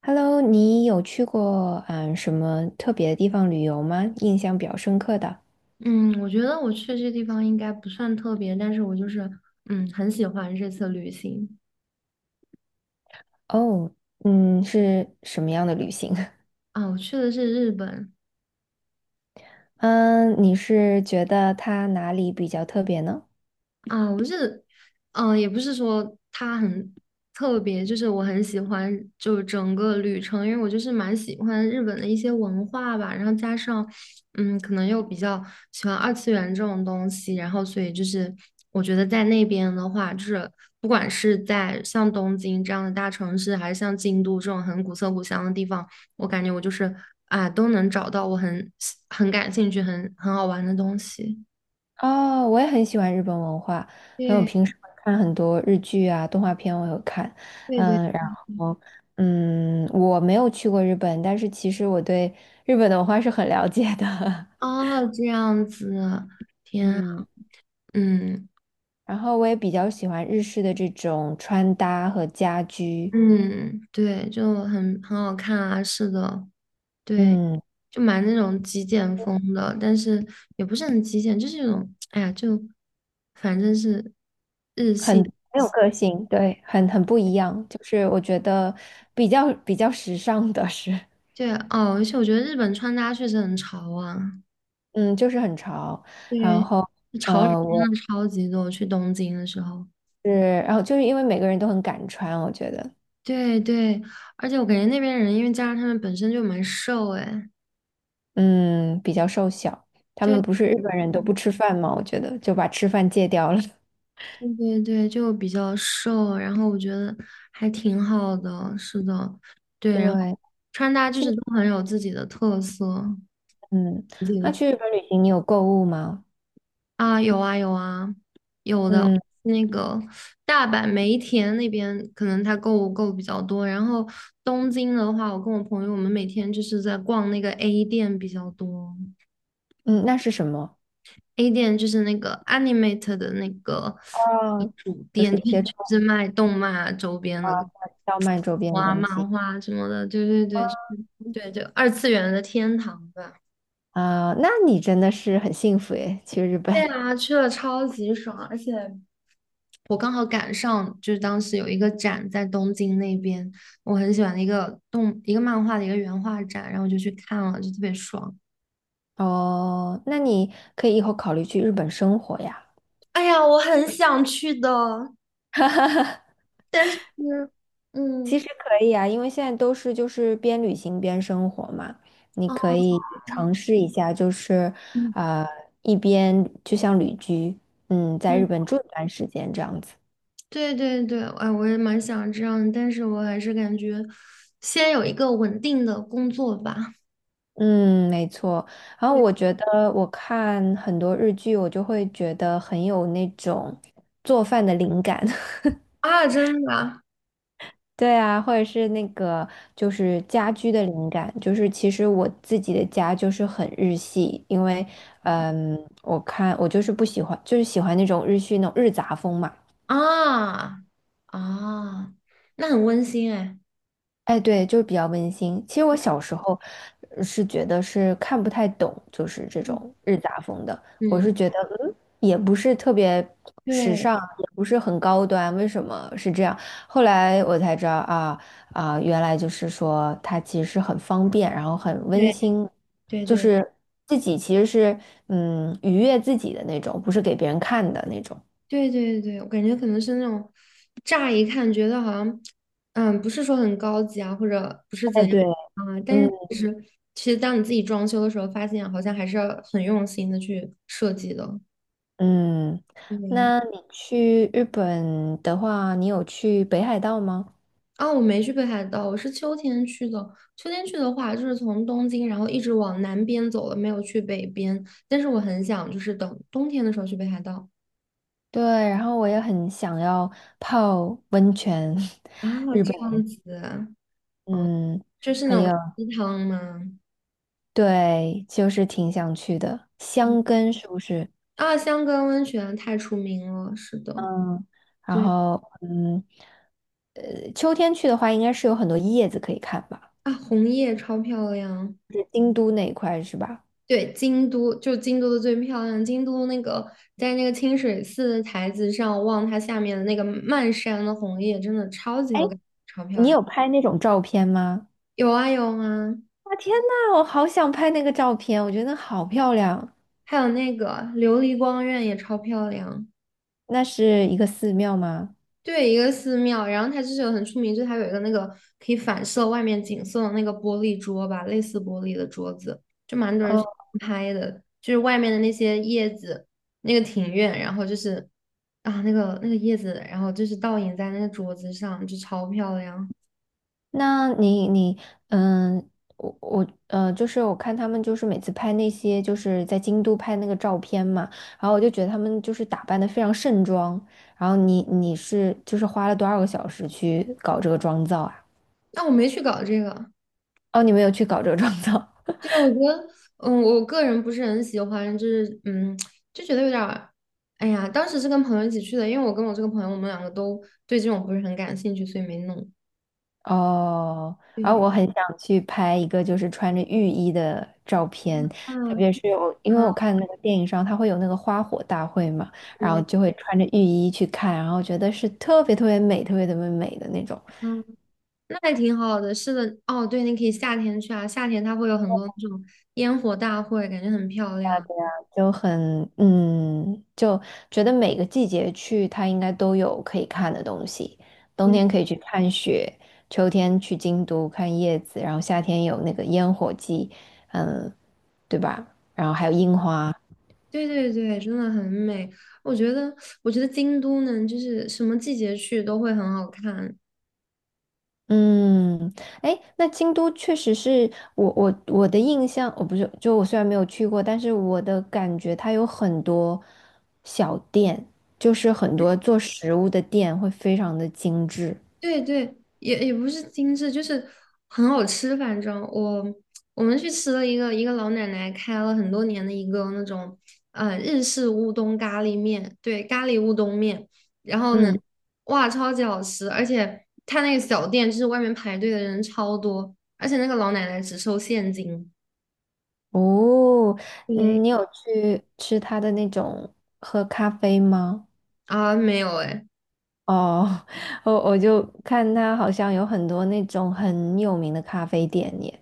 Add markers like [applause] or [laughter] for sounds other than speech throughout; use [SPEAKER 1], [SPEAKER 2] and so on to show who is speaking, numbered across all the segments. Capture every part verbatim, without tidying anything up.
[SPEAKER 1] Hello，你有去过嗯什么特别的地方旅游吗？印象比较深刻的
[SPEAKER 2] 嗯，我觉得我去这地方应该不算特别，但是我就是嗯很喜欢这次旅行
[SPEAKER 1] 哦，嗯，是什么样的旅行？
[SPEAKER 2] 啊。我去的是日本，
[SPEAKER 1] [laughs] 嗯，你是觉得它哪里比较特别呢？
[SPEAKER 2] 嗯，呃也不是说它很特别，就是我很喜欢，就整个旅程，因为我就是蛮喜欢日本的一些文化吧，然后加上，嗯，可能又比较喜欢二次元这种东西，然后所以就是我觉得在那边的话，就是不管是在像东京这样的大城市，还是像京都这种很古色古香的地方，我感觉我就是啊，都能找到我很很感兴趣、很很好玩的东西。
[SPEAKER 1] 哦，我也很喜欢日本文化，还有
[SPEAKER 2] 对
[SPEAKER 1] 平时会看很多日剧啊、动画片，我有看。
[SPEAKER 2] 对对，
[SPEAKER 1] 嗯，然后嗯，我没有去过日本，但是其实我对日本的文化是很了解的。
[SPEAKER 2] 哦，这样子，
[SPEAKER 1] [laughs]
[SPEAKER 2] 天啊
[SPEAKER 1] 嗯。
[SPEAKER 2] 嗯
[SPEAKER 1] 然后我也比较喜欢日式的这种穿搭和家居，
[SPEAKER 2] 嗯，对，就很很好看啊，是的，对，
[SPEAKER 1] 嗯，
[SPEAKER 2] 就蛮那种极简风的，但是也不是很极简，就是那种，哎呀，就反正是日
[SPEAKER 1] 很
[SPEAKER 2] 系，
[SPEAKER 1] 很有个性，对，很很不一样。就是我觉得比较比较时尚的是，
[SPEAKER 2] 对，哦，而且我觉得日本穿搭确实很潮啊，
[SPEAKER 1] 嗯，就是很潮。然
[SPEAKER 2] 对，
[SPEAKER 1] 后，
[SPEAKER 2] 潮人
[SPEAKER 1] 呃，
[SPEAKER 2] 真
[SPEAKER 1] 我
[SPEAKER 2] 的超级多，去东京的时候，
[SPEAKER 1] 是，然后就是因为每个人都很敢穿，我觉得，
[SPEAKER 2] 对对，而且我感觉那边人，因为加上他们本身就蛮瘦，哎，
[SPEAKER 1] 嗯，比较瘦小。他们
[SPEAKER 2] 对。
[SPEAKER 1] 不是日本人都不吃饭吗？我觉得就把吃饭戒掉了。
[SPEAKER 2] 对对对，就比较瘦，然后我觉得还挺好的，是的，对，
[SPEAKER 1] [laughs]
[SPEAKER 2] 然后
[SPEAKER 1] 对，
[SPEAKER 2] 穿搭就
[SPEAKER 1] 去，
[SPEAKER 2] 是都很有自己的特色，
[SPEAKER 1] 嗯，那
[SPEAKER 2] 对
[SPEAKER 1] 去日本旅行你有购物吗？
[SPEAKER 2] 啊，有啊有啊，有的，
[SPEAKER 1] 嗯
[SPEAKER 2] 那个大阪梅田那边可能他购物购比较多，然后东京的话，我跟我朋友我们每天就是在逛那个 A 店比较多
[SPEAKER 1] 嗯，那是什么？
[SPEAKER 2] ，A 店就是那个 Animate 的那个
[SPEAKER 1] 哦，
[SPEAKER 2] 主
[SPEAKER 1] 就
[SPEAKER 2] 店，
[SPEAKER 1] 是
[SPEAKER 2] 就
[SPEAKER 1] 接触
[SPEAKER 2] 是卖动漫啊周边的。
[SPEAKER 1] 到曼周边的
[SPEAKER 2] 画
[SPEAKER 1] 东
[SPEAKER 2] 漫
[SPEAKER 1] 西
[SPEAKER 2] 画什么的，对对对，就是对，就二次元的天堂吧。
[SPEAKER 1] 啊，那你真的是很幸福诶，去日本
[SPEAKER 2] 对啊，去了超级爽，而且我刚好赶上，就是当时有一个展在东京那边，我很喜欢的一个动一个漫画的一个原画展，然后我就去看了，就特别爽。
[SPEAKER 1] 哦，那你可以以后考虑去日本生活呀。
[SPEAKER 2] 哎呀，我很想去的，但是，
[SPEAKER 1] 其
[SPEAKER 2] 嗯。
[SPEAKER 1] 实可以啊，因为现在都是就是边旅行边生活嘛，你
[SPEAKER 2] 啊。
[SPEAKER 1] 可以尝试一下，就是
[SPEAKER 2] 嗯
[SPEAKER 1] 呃一边就像旅居，嗯，在日
[SPEAKER 2] 嗯，
[SPEAKER 1] 本住一段时间这样子。
[SPEAKER 2] 对对对，哎，我也蛮想这样的，但是我还是感觉先有一个稳定的工作吧。
[SPEAKER 1] 嗯，没错。然后
[SPEAKER 2] 对
[SPEAKER 1] 我觉得我看很多日剧，我就会觉得很有那种做饭的灵感。[laughs]
[SPEAKER 2] 啊，真的，
[SPEAKER 1] 对啊，或者是那个就是家居的灵感，就是其实我自己的家就是很日系，因为嗯，我看我就是不喜欢，就是喜欢那种日系那种日杂风嘛。
[SPEAKER 2] 啊啊，那很温馨哎。
[SPEAKER 1] 哎，对，就是比较温馨。其实我小时候呃是觉得是看不太懂，就是这
[SPEAKER 2] 嗯，
[SPEAKER 1] 种日杂风的。我
[SPEAKER 2] 嗯，
[SPEAKER 1] 是觉得，嗯，也不是特别时
[SPEAKER 2] 对
[SPEAKER 1] 尚，也不是很高端，为什么是这样？后来我才知道啊啊，原来就是说它其实是很方便，然后很温
[SPEAKER 2] 对
[SPEAKER 1] 馨，就
[SPEAKER 2] 对
[SPEAKER 1] 是自己其实是嗯愉悦自己的那种，不是给别人看的那种。
[SPEAKER 2] 对对对对，我感觉可能是那种乍一看觉得好像，嗯，不是说很高级啊，或者不是
[SPEAKER 1] 哎，
[SPEAKER 2] 怎样
[SPEAKER 1] 对。
[SPEAKER 2] 啊，但
[SPEAKER 1] 嗯。
[SPEAKER 2] 是其实其实当你自己装修的时候，发现好像还是要很用心的去设计的。
[SPEAKER 1] 嗯，
[SPEAKER 2] 对，
[SPEAKER 1] 那你去日本的话，你有去北海道吗？
[SPEAKER 2] 啊，我没去北海道，我是秋天去的。秋天去的话，就是从东京，然后一直往南边走了，没有去北边。但是我很想，就是等冬天的时候去北海道。
[SPEAKER 1] 对，然后我也很想要泡温泉，[laughs]
[SPEAKER 2] 啊，这样子，
[SPEAKER 1] 嗯，
[SPEAKER 2] 就是
[SPEAKER 1] 还
[SPEAKER 2] 那
[SPEAKER 1] 有，
[SPEAKER 2] 种鸡汤吗？
[SPEAKER 1] 对，就是挺想去的，箱根是不是？
[SPEAKER 2] 啊，香根温泉太出名了，是的，
[SPEAKER 1] 嗯，然
[SPEAKER 2] 对
[SPEAKER 1] 后，嗯，呃，秋天去的话，应该是有很多叶子可以看吧？
[SPEAKER 2] 啊，红叶超漂亮。
[SPEAKER 1] 是京都那一块是吧？
[SPEAKER 2] 对，京都就京都的最漂亮，京都那个在那个清水寺的台子上望它下面的那个漫山的红叶，真的超级
[SPEAKER 1] 哎，
[SPEAKER 2] 有感。
[SPEAKER 1] 你有拍那种照片吗？
[SPEAKER 2] 有啊有啊，
[SPEAKER 1] 啊，天呐，我好想拍那个照片，我觉得好漂亮。
[SPEAKER 2] 还有那个琉璃光院也超漂亮，
[SPEAKER 1] 那是一个寺庙吗？
[SPEAKER 2] 对，一个寺庙，然后它就是有很出名，就是它有一个那个可以反射外面景色的那个玻璃桌吧，类似玻璃的桌子，就蛮多人
[SPEAKER 1] 哦，
[SPEAKER 2] 去拍的，就是外面的那些叶子，那个庭院，然后就是啊那个那个叶子，然后就是倒影在那个桌子上，就超漂亮。
[SPEAKER 1] 那你你嗯，我我呃，就是我看他们就是每次拍那些就是在京都拍那个照片嘛，然后我就觉得他们就是打扮的非常盛装，然后你你是就是花了多少个小时去搞这个妆造啊？
[SPEAKER 2] 但我没去搞这个，
[SPEAKER 1] 哦，你没有去搞这个妆造，
[SPEAKER 2] 对，我觉得，嗯，我个人不是很喜欢，就是，嗯，就觉得有点儿，哎呀，当时是跟朋友一起去的，因为我跟我这个朋友，我们两个都对这种不是很感兴趣，所以没弄。
[SPEAKER 1] 哦，然后
[SPEAKER 2] 对，
[SPEAKER 1] 我很想去拍一个就是穿着浴衣的照片，特
[SPEAKER 2] 啊
[SPEAKER 1] 别是我，因为我
[SPEAKER 2] 啊，
[SPEAKER 1] 看那个电影上，它会有那个花火大会嘛，然后
[SPEAKER 2] 对，
[SPEAKER 1] 就会穿着浴衣去看，然后觉得是特别特别美、特别特别美的那种，
[SPEAKER 2] 嗯，那还挺好的。是的，哦，对，你可以夏天去啊，夏天它会有很多那种烟火大会，感觉很漂亮。
[SPEAKER 1] 就很嗯，就觉得每个季节去它应该都有可以看的东西，冬
[SPEAKER 2] 对，
[SPEAKER 1] 天可以去看雪，秋天去京都看叶子，然后夏天有那个烟火季，嗯，对吧？然后还有樱花。
[SPEAKER 2] 对对对，真的很美。我觉得，我觉得京都呢，就是什么季节去都会很好看。
[SPEAKER 1] 嗯，哎，那京都确实是我我我的印象，我不是，就我虽然没有去过，但是我的感觉它有很多小店，就是很多做食物的店会非常的精致。
[SPEAKER 2] 对对，也也不是精致，就是很好吃。反正我我们去吃了一个一个老奶奶开了很多年的一个那种呃日式乌冬咖喱面，对，咖喱乌冬面。然后呢，
[SPEAKER 1] 嗯，
[SPEAKER 2] 哇，超级好吃！而且他那个小店就是外面排队的人超多，而且那个老奶奶只收现金。
[SPEAKER 1] 哦，
[SPEAKER 2] 对
[SPEAKER 1] 嗯，你有去吃它的那种喝咖啡吗？
[SPEAKER 2] 啊，没有哎，
[SPEAKER 1] 哦，[laughs] 我我就看它好像有很多那种很有名的咖啡店耶。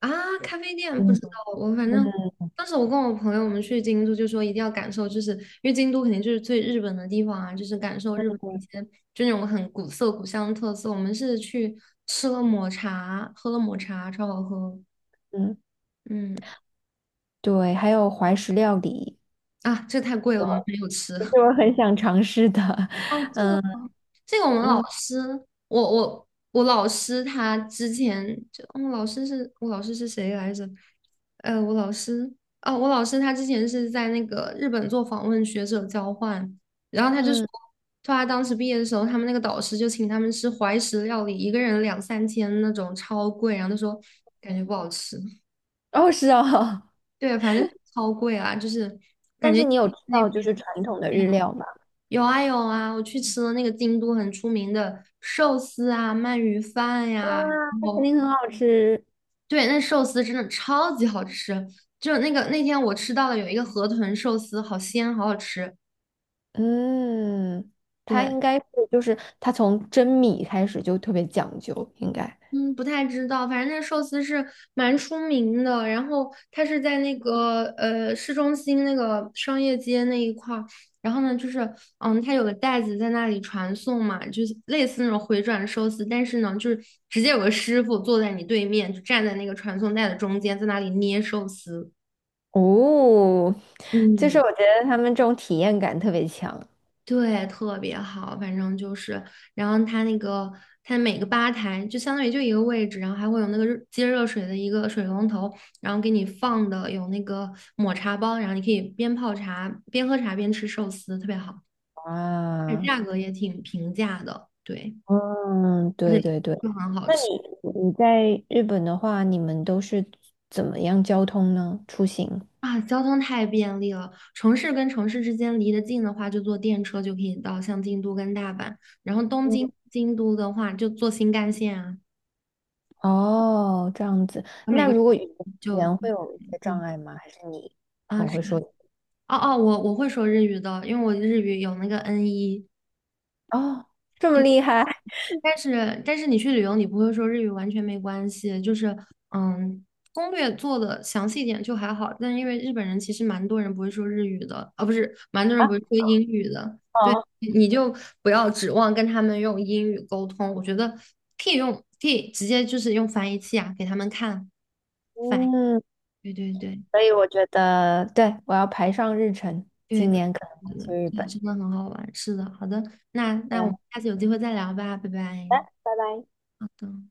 [SPEAKER 2] 啊，咖啡店不知
[SPEAKER 1] 嗯，
[SPEAKER 2] 道，我反正当时我跟我朋友我们去京都，就说一定要感受，就是因为京都肯定就是最日本的地方啊，就是感受日本的一些就那种很古色古香的特色。我们是去吃了抹茶，喝了抹茶，超好喝。
[SPEAKER 1] 嗯，
[SPEAKER 2] 嗯，
[SPEAKER 1] 对，还有怀石料理。
[SPEAKER 2] 啊，这个太贵了，我们没有吃。
[SPEAKER 1] 是
[SPEAKER 2] [laughs]
[SPEAKER 1] 我很想尝试的。
[SPEAKER 2] 哦，这个
[SPEAKER 1] 嗯
[SPEAKER 2] 这个我们老
[SPEAKER 1] 嗯
[SPEAKER 2] 师，我我我老师他之前就，嗯，老师是我老师是谁来着？呃，我老师啊，我老师他之前是在那个日本做访问学者交换，然后他就说，
[SPEAKER 1] 嗯，
[SPEAKER 2] 说他当时毕业的时候，他们那个导师就请他们吃怀石料理，一个人两三千那种，超贵，然后他说感觉不好吃，
[SPEAKER 1] 哦是哦，
[SPEAKER 2] 对，反正超贵啊，就是
[SPEAKER 1] [laughs]
[SPEAKER 2] 感
[SPEAKER 1] 但是
[SPEAKER 2] 觉
[SPEAKER 1] 你有吃
[SPEAKER 2] 那
[SPEAKER 1] 到就
[SPEAKER 2] 边。
[SPEAKER 1] 是传统的日料吗？
[SPEAKER 2] 有啊有啊，我去吃了那个京都很出名的寿司啊、鳗鱼饭
[SPEAKER 1] 哇，
[SPEAKER 2] 呀、然
[SPEAKER 1] 肯
[SPEAKER 2] 后
[SPEAKER 1] 定很好吃。
[SPEAKER 2] 对，那寿司真的超级好吃，就那个那天我吃到了有一个河豚寿司，好鲜，好好吃。
[SPEAKER 1] 嗯，它
[SPEAKER 2] 对，
[SPEAKER 1] 应该是就是它从蒸米开始就特别讲究，应该。
[SPEAKER 2] 嗯，不太知道，反正那寿司是蛮出名的。然后它是在那个呃市中心那个商业街那一块儿。然后呢，就是嗯，它有个袋子在那里传送嘛，就是类似那种回转寿司，但是呢，就是直接有个师傅坐在你对面，就站在那个传送带的中间，在那里捏寿司。
[SPEAKER 1] 哦，就是
[SPEAKER 2] 嗯，
[SPEAKER 1] 我觉得他们这种体验感特别强
[SPEAKER 2] 对，特别好，反正就是，然后它那个它每个吧台就相当于就一个位置，然后还会有那个热接热水的一个水龙头，然后给你放的有那个抹茶包，然后你可以边泡茶边喝茶边吃寿司，特别好，而且
[SPEAKER 1] 啊。
[SPEAKER 2] 价格也挺平价的，对，
[SPEAKER 1] 嗯，
[SPEAKER 2] 而
[SPEAKER 1] 对
[SPEAKER 2] 且
[SPEAKER 1] 对对。
[SPEAKER 2] 就很好
[SPEAKER 1] 那
[SPEAKER 2] 吃
[SPEAKER 1] 你你在日本的话，你们都是怎么样交通呢？出行？
[SPEAKER 2] 啊，交通太便利了，城市跟城市之间离得近的话，就坐电车就可以到，像京都跟大阪，然后东京、京都的话就坐新干线啊，
[SPEAKER 1] 哦，这样子。
[SPEAKER 2] 每
[SPEAKER 1] 那
[SPEAKER 2] 个城
[SPEAKER 1] 如果语
[SPEAKER 2] 就。
[SPEAKER 1] 言会有一些障
[SPEAKER 2] 嗯
[SPEAKER 1] 碍吗？还是你
[SPEAKER 2] 啊，
[SPEAKER 1] 很
[SPEAKER 2] 是
[SPEAKER 1] 会说？
[SPEAKER 2] 哦哦，我我会说日语的，因为我日语有那个 n 一。
[SPEAKER 1] 哦，这么厉害
[SPEAKER 2] 但是但是你去旅游你不会说日语完全没关系，就是嗯，攻略做的详细一点就还好，但因为日本人其实蛮多人不会说日语的，啊不是，蛮多人
[SPEAKER 1] 啊！
[SPEAKER 2] 不会说英语的，
[SPEAKER 1] [laughs]
[SPEAKER 2] 对，
[SPEAKER 1] 好，
[SPEAKER 2] 你就不要指望跟他们用英语沟通，我觉得可以用可以直接就是用翻译器啊给他们看，翻译，
[SPEAKER 1] 嗯，
[SPEAKER 2] 对对对。
[SPEAKER 1] 所以我觉得，对，我要排上日程，
[SPEAKER 2] 对，可以
[SPEAKER 1] 今
[SPEAKER 2] 的
[SPEAKER 1] 年可能会去日
[SPEAKER 2] 对
[SPEAKER 1] 本。
[SPEAKER 2] 真的很好玩。是的，好的，那那我
[SPEAKER 1] 嗯，
[SPEAKER 2] 们
[SPEAKER 1] 好
[SPEAKER 2] 下次有机会再聊吧，拜
[SPEAKER 1] 的
[SPEAKER 2] 拜。
[SPEAKER 1] 拜拜。
[SPEAKER 2] 好的。